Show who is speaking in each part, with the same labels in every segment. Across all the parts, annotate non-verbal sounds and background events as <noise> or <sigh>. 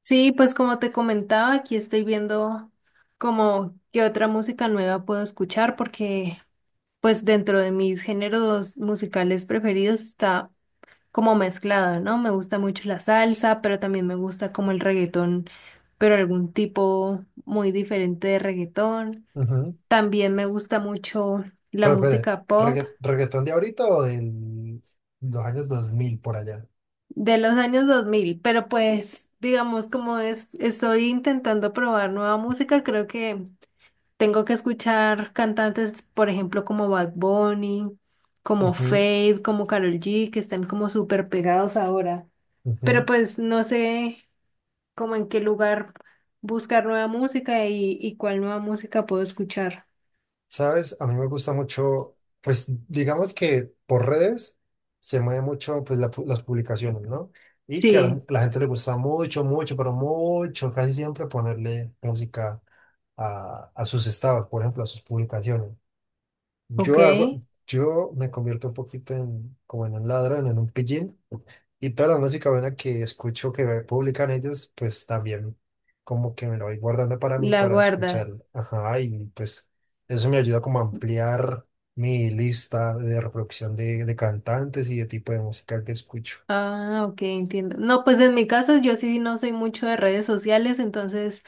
Speaker 1: Sí, pues como te comentaba, aquí estoy viendo como qué otra música nueva puedo escuchar porque pues dentro de mis géneros musicales preferidos está como mezclado, ¿no? Me gusta mucho la salsa, pero también me gusta como el reggaetón, pero algún tipo muy diferente de reggaetón.
Speaker 2: Ujú.
Speaker 1: También me gusta mucho la
Speaker 2: Pero, espere,
Speaker 1: música pop
Speaker 2: ¿Reggaetón de ahorita o de los años 2000 por allá?
Speaker 1: de los años 2000, pero pues digamos como es, estoy intentando probar nueva música, creo que... Tengo que escuchar cantantes, por ejemplo, como Bad Bunny, como
Speaker 2: Ujú,
Speaker 1: Fade, como Karol G, que están como súper pegados ahora. Pero
Speaker 2: ujú.
Speaker 1: pues no sé como en qué lugar buscar nueva música y cuál nueva música puedo escuchar.
Speaker 2: ¿Sabes? A mí me gusta mucho, pues digamos que por redes se mueve mucho pues, las publicaciones, ¿no? Y que a la,
Speaker 1: Sí,
Speaker 2: la gente le gusta mucho, mucho, pero mucho, casi siempre ponerle música a sus estados, por ejemplo, a sus publicaciones.
Speaker 1: ok,
Speaker 2: Yo hago, yo me convierto un poquito en, como en un ladrón, en un pillín. Y toda la música buena que escucho que me publican ellos, pues también como que me lo voy guardando para mí,
Speaker 1: la
Speaker 2: para
Speaker 1: guarda.
Speaker 2: escuchar. Ajá, y pues eso me ayuda como a ampliar mi lista de reproducción de cantantes y de tipo de música que escucho.
Speaker 1: Ah, ok, entiendo. No, pues en mi caso yo sí no soy mucho de redes sociales, entonces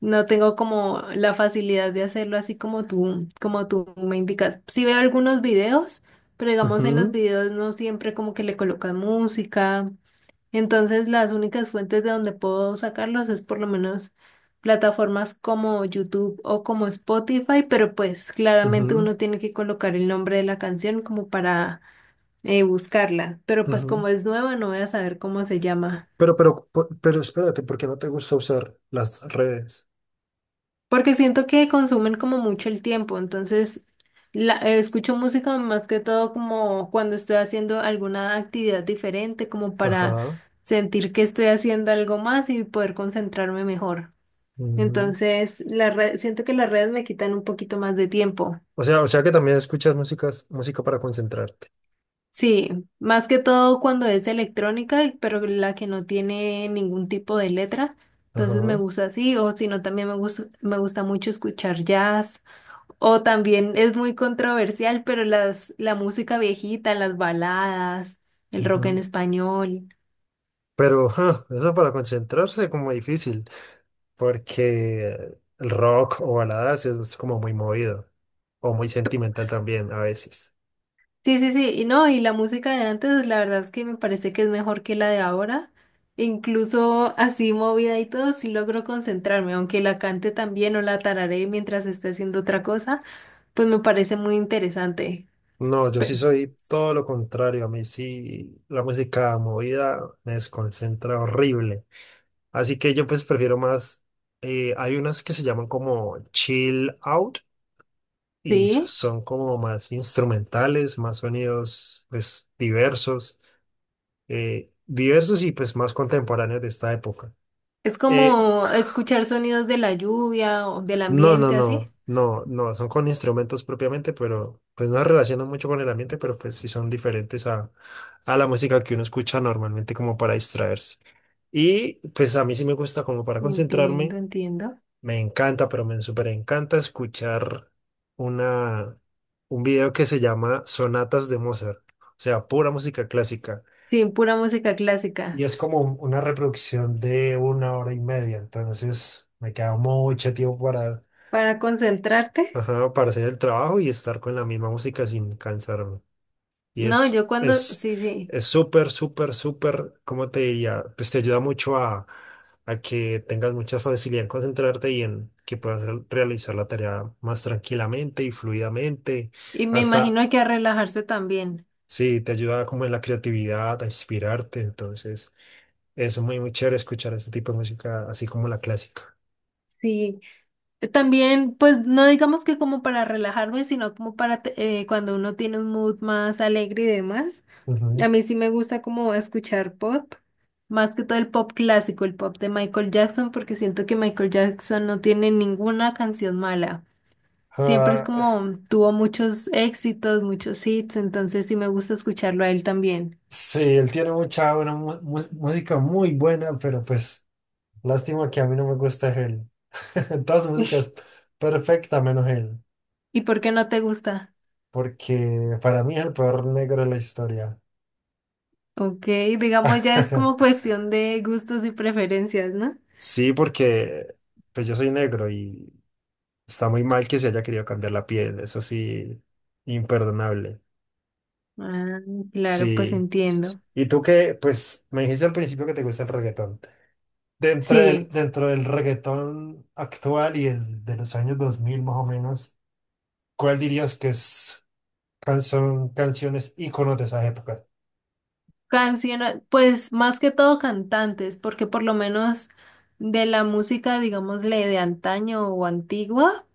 Speaker 1: no tengo como la facilidad de hacerlo así como tú me indicas. Sí veo algunos videos, pero digamos en
Speaker 2: Ujú,
Speaker 1: los videos no siempre como que le colocan música. Entonces las únicas fuentes de donde puedo sacarlos es por lo menos plataformas como YouTube o como Spotify, pero pues claramente
Speaker 2: ujú,
Speaker 1: uno tiene que colocar el nombre de la canción como para buscarla, pero pues
Speaker 2: ujú.
Speaker 1: como es nueva no voy a saber cómo se llama,
Speaker 2: Pero espérate, ¿por qué no te gusta usar las redes?
Speaker 1: porque siento que consumen como mucho el tiempo, entonces escucho música más que todo como cuando estoy haciendo alguna actividad diferente, como para
Speaker 2: Ajá.
Speaker 1: sentir que estoy haciendo algo más y poder concentrarme mejor.
Speaker 2: Ujú.
Speaker 1: Entonces, la red, siento que las redes me quitan un poquito más de tiempo.
Speaker 2: O sea que también escuchas música para concentrarte.
Speaker 1: Sí, más que todo cuando es electrónica, pero la que no tiene ningún tipo de letra. Entonces me
Speaker 2: Ajá.
Speaker 1: gusta así, o si no, también me gusta mucho escuchar jazz. O también es muy controversial, pero las, la música viejita, las baladas, el rock en
Speaker 2: Ujú.
Speaker 1: español.
Speaker 2: Pero ja, eso para concentrarse es como difícil, porque el rock o baladas es como muy movido o muy sentimental también a veces.
Speaker 1: Sí, sí, sí, y no, y la música de antes, la verdad es que me parece que es mejor que la de ahora. Incluso así movida y todo, sí logro concentrarme, aunque la cante también o la tararé mientras esté haciendo otra cosa, pues me parece muy interesante.
Speaker 2: No, yo
Speaker 1: Pe-
Speaker 2: sí soy todo lo contrario. A mí sí la música movida me desconcentra horrible. Así que yo pues prefiero más, hay unas que se llaman como chill out y so-
Speaker 1: sí,
Speaker 2: son como más instrumentales, más sonidos pues diversos. Diversos y pues más contemporáneos de esta época.
Speaker 1: es
Speaker 2: Eh,
Speaker 1: como escuchar sonidos de la lluvia o del
Speaker 2: no, no,
Speaker 1: ambiente, así.
Speaker 2: no, no, no, son con instrumentos propiamente, pero pues no se relacionan mucho con el ambiente, pero pues sí son diferentes a la música que uno escucha normalmente como para distraerse. Y pues a mí sí me gusta como para
Speaker 1: Entiendo,
Speaker 2: concentrarme,
Speaker 1: entiendo.
Speaker 2: me encanta, pero me súper encanta escuchar una, un video que se llama Sonatas de Mozart, o sea, pura música clásica.
Speaker 1: Sí, pura música
Speaker 2: Y
Speaker 1: clásica.
Speaker 2: es como una reproducción de una hora y media, entonces me queda mucho tiempo para,
Speaker 1: Para concentrarte,
Speaker 2: ajá, para hacer el trabajo y estar con la misma música sin cansarme. Y
Speaker 1: no,
Speaker 2: es,
Speaker 1: yo cuando,
Speaker 2: es,
Speaker 1: sí, sí,
Speaker 2: es súper, súper, súper, ¿cómo te diría? Pues te ayuda mucho a que tengas mucha facilidad en concentrarte y en que puedas realizar la tarea más tranquilamente y fluidamente,
Speaker 1: y me
Speaker 2: hasta.
Speaker 1: imagino que a relajarse también.
Speaker 2: Sí, te ayuda como en la creatividad, a inspirarte. Entonces, eso es muy, muy chévere escuchar este tipo de música, así como la clásica.
Speaker 1: Sí, también, pues no digamos que como para relajarme, sino como para te- cuando uno tiene un mood más alegre y demás. A
Speaker 2: Ujú.
Speaker 1: mí sí me gusta como escuchar pop, más que todo el pop clásico, el pop de Michael Jackson, porque siento que Michael Jackson no tiene ninguna canción mala. Siempre es
Speaker 2: Ah,
Speaker 1: como tuvo muchos éxitos, muchos hits, entonces sí me gusta escucharlo a él también.
Speaker 2: sí, él tiene mucha buena música muy buena, pero pues lástima que a mí no me gusta es él. <laughs> Toda su música es <laughs> perfecta menos él,
Speaker 1: ¿Y por qué no te gusta?
Speaker 2: porque para mí es el peor negro de la historia.
Speaker 1: Ok, digamos ya es como
Speaker 2: <laughs>
Speaker 1: cuestión de gustos y preferencias, ¿no?
Speaker 2: Sí, porque pues yo soy negro y está muy mal que se haya querido cambiar la piel. Eso sí, imperdonable.
Speaker 1: Ah, claro, pues
Speaker 2: Sí.
Speaker 1: entiendo.
Speaker 2: Y tú que, pues, me dijiste al principio que te gusta el reggaetón. Dentro del,
Speaker 1: Sí,
Speaker 2: dentro del reggaetón actual y el de los años 2000 más o menos, ¿cuál dirías que es canciones íconos de esa época?
Speaker 1: canciones, pues más que todo cantantes, porque por lo menos de la música, digámosle, de antaño o antigua,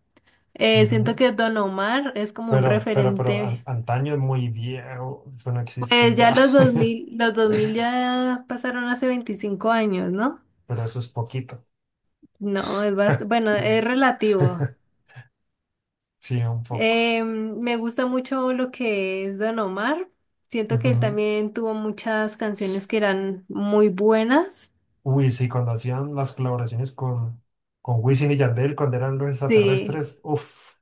Speaker 1: siento
Speaker 2: Ujú.
Speaker 1: que Don Omar es como un
Speaker 2: Pero, pero, pero, an-
Speaker 1: referente.
Speaker 2: antaño es muy viejo, eso no existe
Speaker 1: Pues ya
Speaker 2: ya,
Speaker 1: los 2000 ya pasaron hace 25 años, ¿no?
Speaker 2: <laughs> pero eso es poquito.
Speaker 1: No, es bast- bueno, es relativo.
Speaker 2: <laughs> Sí, un poco.
Speaker 1: Me gusta mucho lo que es Don Omar. Siento que él
Speaker 2: Ujú.
Speaker 1: también tuvo muchas canciones que eran muy buenas.
Speaker 2: Uy, sí, cuando hacían las colaboraciones con Wisin y Yandel, cuando eran los
Speaker 1: Sí,
Speaker 2: extraterrestres, uff,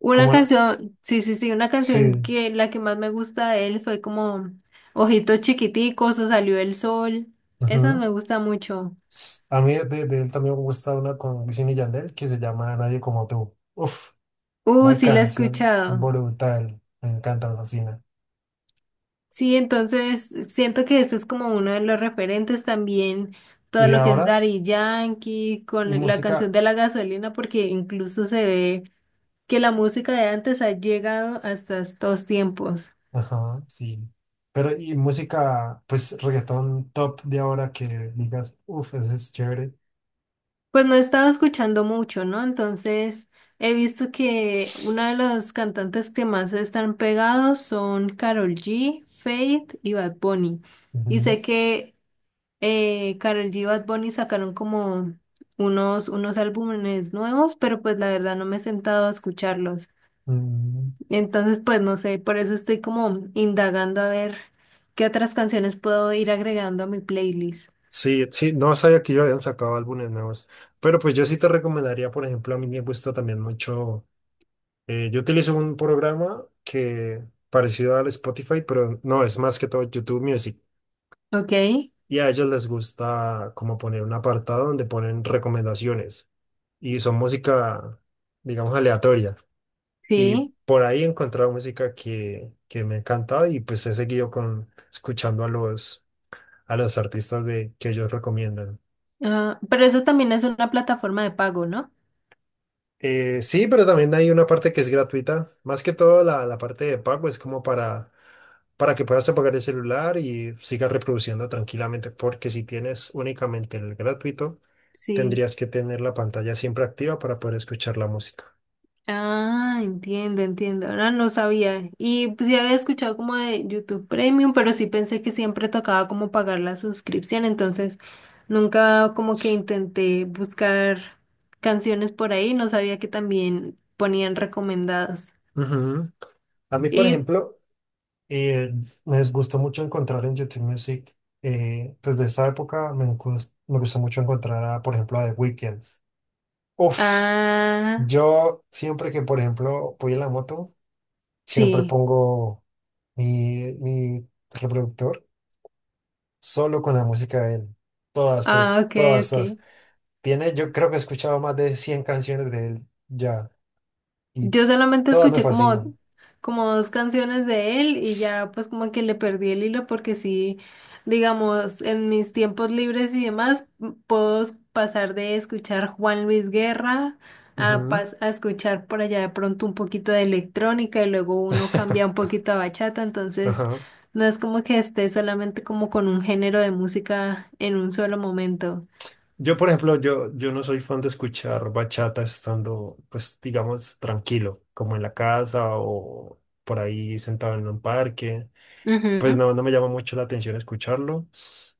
Speaker 1: una
Speaker 2: como.
Speaker 1: canción, sí, sí, sí, una canción
Speaker 2: Sí.
Speaker 1: que la que más me gusta de él fue como Ojitos Chiquiticos o Salió el Sol. Esa
Speaker 2: Ujú.
Speaker 1: me gusta mucho.
Speaker 2: A mí de él también me gusta una con Wisin y Yandel que se llama Nadie como tú. Uf, una
Speaker 1: Sí, la he
Speaker 2: canción
Speaker 1: escuchado.
Speaker 2: brutal. Me encanta, me fascina.
Speaker 1: Sí, entonces siento que este es como uno de los referentes también,
Speaker 2: Y
Speaker 1: todo
Speaker 2: de
Speaker 1: lo que es
Speaker 2: ahora,
Speaker 1: Daddy Yankee,
Speaker 2: y
Speaker 1: con la canción
Speaker 2: música,
Speaker 1: de la gasolina, porque incluso se ve que la música de antes ha llegado hasta estos tiempos.
Speaker 2: ajá, sí. Pero y música, pues reggaetón top de ahora que digas, uf, ese es chévere.
Speaker 1: Pues no he estado escuchando mucho, ¿no? Entonces he visto que una de los cantantes que más están pegados son Karol G, Faith y Bad Bunny. Y sé
Speaker 2: Ujú,
Speaker 1: que Karol G y Bad Bunny sacaron como unos álbumes nuevos, pero pues la verdad no me he sentado a escucharlos.
Speaker 2: mm.
Speaker 1: Entonces, pues no sé, por eso estoy como indagando a ver qué otras canciones puedo ir agregando a mi playlist.
Speaker 2: Sí, sí, no sabía que ellos habían sacado álbumes nuevos. Pero pues yo sí te recomendaría, por ejemplo, a mí me gusta también mucho. Yo utilizo un programa que parecido al Spotify, pero no, es más que todo YouTube Music.
Speaker 1: Ok,
Speaker 2: Y a ellos les gusta como poner un apartado donde ponen recomendaciones. Y son música, digamos, aleatoria. Y
Speaker 1: sí.
Speaker 2: por ahí he encontrado música que me ha encantado y pues he seguido con, escuchando a los artistas de, que ellos recomiendan.
Speaker 1: Ah, pero eso también es una plataforma de pago, ¿no?
Speaker 2: Sí, pero también hay una parte que es gratuita. Más que todo la parte de pago es como para, que puedas apagar el celular y sigas reproduciendo tranquilamente, porque si tienes únicamente el gratuito,
Speaker 1: Sí.
Speaker 2: tendrías que tener la pantalla siempre activa para poder escuchar la música.
Speaker 1: Ah, entiendo, entiendo. Ahora no sabía. Y pues ya había escuchado como de YouTube Premium, pero sí pensé que siempre tocaba como pagar la suscripción, entonces nunca como que intenté buscar canciones por ahí, no sabía que también ponían recomendadas.
Speaker 2: Ujú. A mí, por
Speaker 1: Y
Speaker 2: ejemplo, eh, me gustó mucho encontrar en YouTube Music, desde esta época me gustó mucho encontrar, a, por ejemplo, a The Weeknd. Uf,
Speaker 1: ah,
Speaker 2: yo siempre que, por ejemplo, voy en la moto, siempre
Speaker 1: sí.
Speaker 2: pongo mi reproductor solo con la música de él. Todas, pero t-
Speaker 1: Ah, ok,
Speaker 2: todas, todas.
Speaker 1: ok.
Speaker 2: Yo creo que he escuchado más de 100 canciones de él ya y
Speaker 1: Yo solamente
Speaker 2: todas me
Speaker 1: escuché como,
Speaker 2: fascinan.
Speaker 1: como dos canciones de él y ya pues como que le perdí el hilo porque sí, digamos, en mis tiempos libres y demás, m- puedo s- pasar de escuchar Juan Luis Guerra a,
Speaker 2: Ujú.
Speaker 1: pas- a escuchar por allá de pronto un poquito de electrónica y luego uno cambia un
Speaker 2: <laughs>
Speaker 1: poquito a bachata, entonces
Speaker 2: Ajá.
Speaker 1: no es como que esté solamente como con un género de música en un solo momento.
Speaker 2: Yo, por ejemplo, yo no soy fan de escuchar bachata estando, pues, digamos, tranquilo, como en la casa o por ahí sentado en un parque. Pues
Speaker 1: Ujú,
Speaker 2: no, no me llama mucho la atención escucharlo,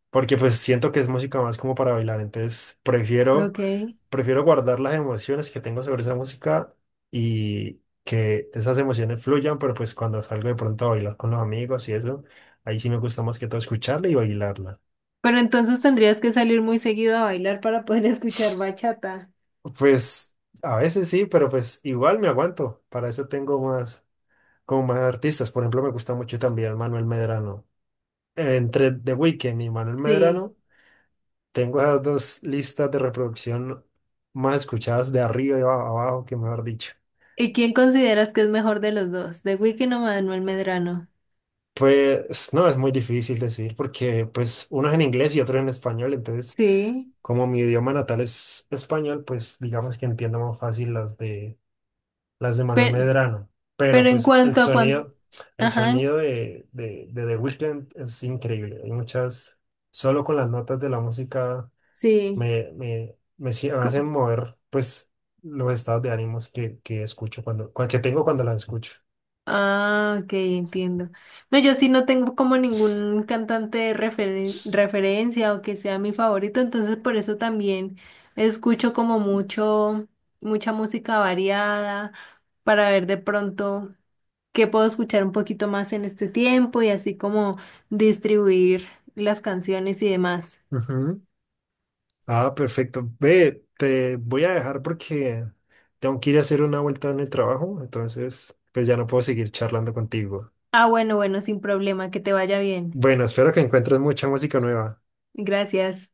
Speaker 2: porque pues siento que es música más como para bailar, entonces prefiero,
Speaker 1: ok.
Speaker 2: prefiero guardar las emociones que tengo sobre esa música y que esas emociones fluyan, pero pues cuando salgo de pronto a bailar con los amigos y eso, ahí sí me gusta más que todo escucharla y bailarla.
Speaker 1: Pero entonces tendrías que salir muy seguido a bailar para poder <laughs> escuchar bachata.
Speaker 2: Pues a veces sí, pero pues igual me aguanto, para eso tengo más, como más artistas, por ejemplo me gusta mucho también Manuel Medrano, entre The Weeknd y Manuel
Speaker 1: Sí.
Speaker 2: Medrano. Tengo esas dos listas de reproducción más escuchadas de arriba y abajo, que mejor dicho.
Speaker 1: ¿Y quién consideras que es mejor de los dos? ¿The Weeknd o Manuel Medrano?
Speaker 2: Pues no, es muy difícil decir porque pues uno es en inglés y otro es en español, entonces
Speaker 1: Sí.
Speaker 2: como mi idioma natal es español, pues digamos que entiendo más fácil las de Manuel
Speaker 1: Pero,
Speaker 2: Medrano, pero
Speaker 1: pero en
Speaker 2: pues el
Speaker 1: cuanto a cuánto...
Speaker 2: sonido, el
Speaker 1: Ajá,
Speaker 2: sonido de The Weeknd es increíble, hay muchas, solo con las notas de la música
Speaker 1: sí.
Speaker 2: me
Speaker 1: Co-
Speaker 2: hacen mover, pues, los estados de ánimos que escucho que tengo cuando la escucho.
Speaker 1: Ah, ok, entiendo. No, yo sí no tengo como ningún cantante de referencia o que sea mi favorito, entonces por eso también escucho como mucho, mucha música variada para ver de pronto qué puedo escuchar un poquito más en este tiempo y así como distribuir las canciones y demás.
Speaker 2: Ujú. Ah, perfecto. Ve, te voy a dejar porque tengo que ir a hacer una vuelta en el trabajo, entonces, pues ya no puedo seguir charlando contigo.
Speaker 1: Ah, bueno, bueno, sin problema, que te vaya bien.
Speaker 2: Bueno, espero que encuentres mucha música nueva.
Speaker 1: Gracias.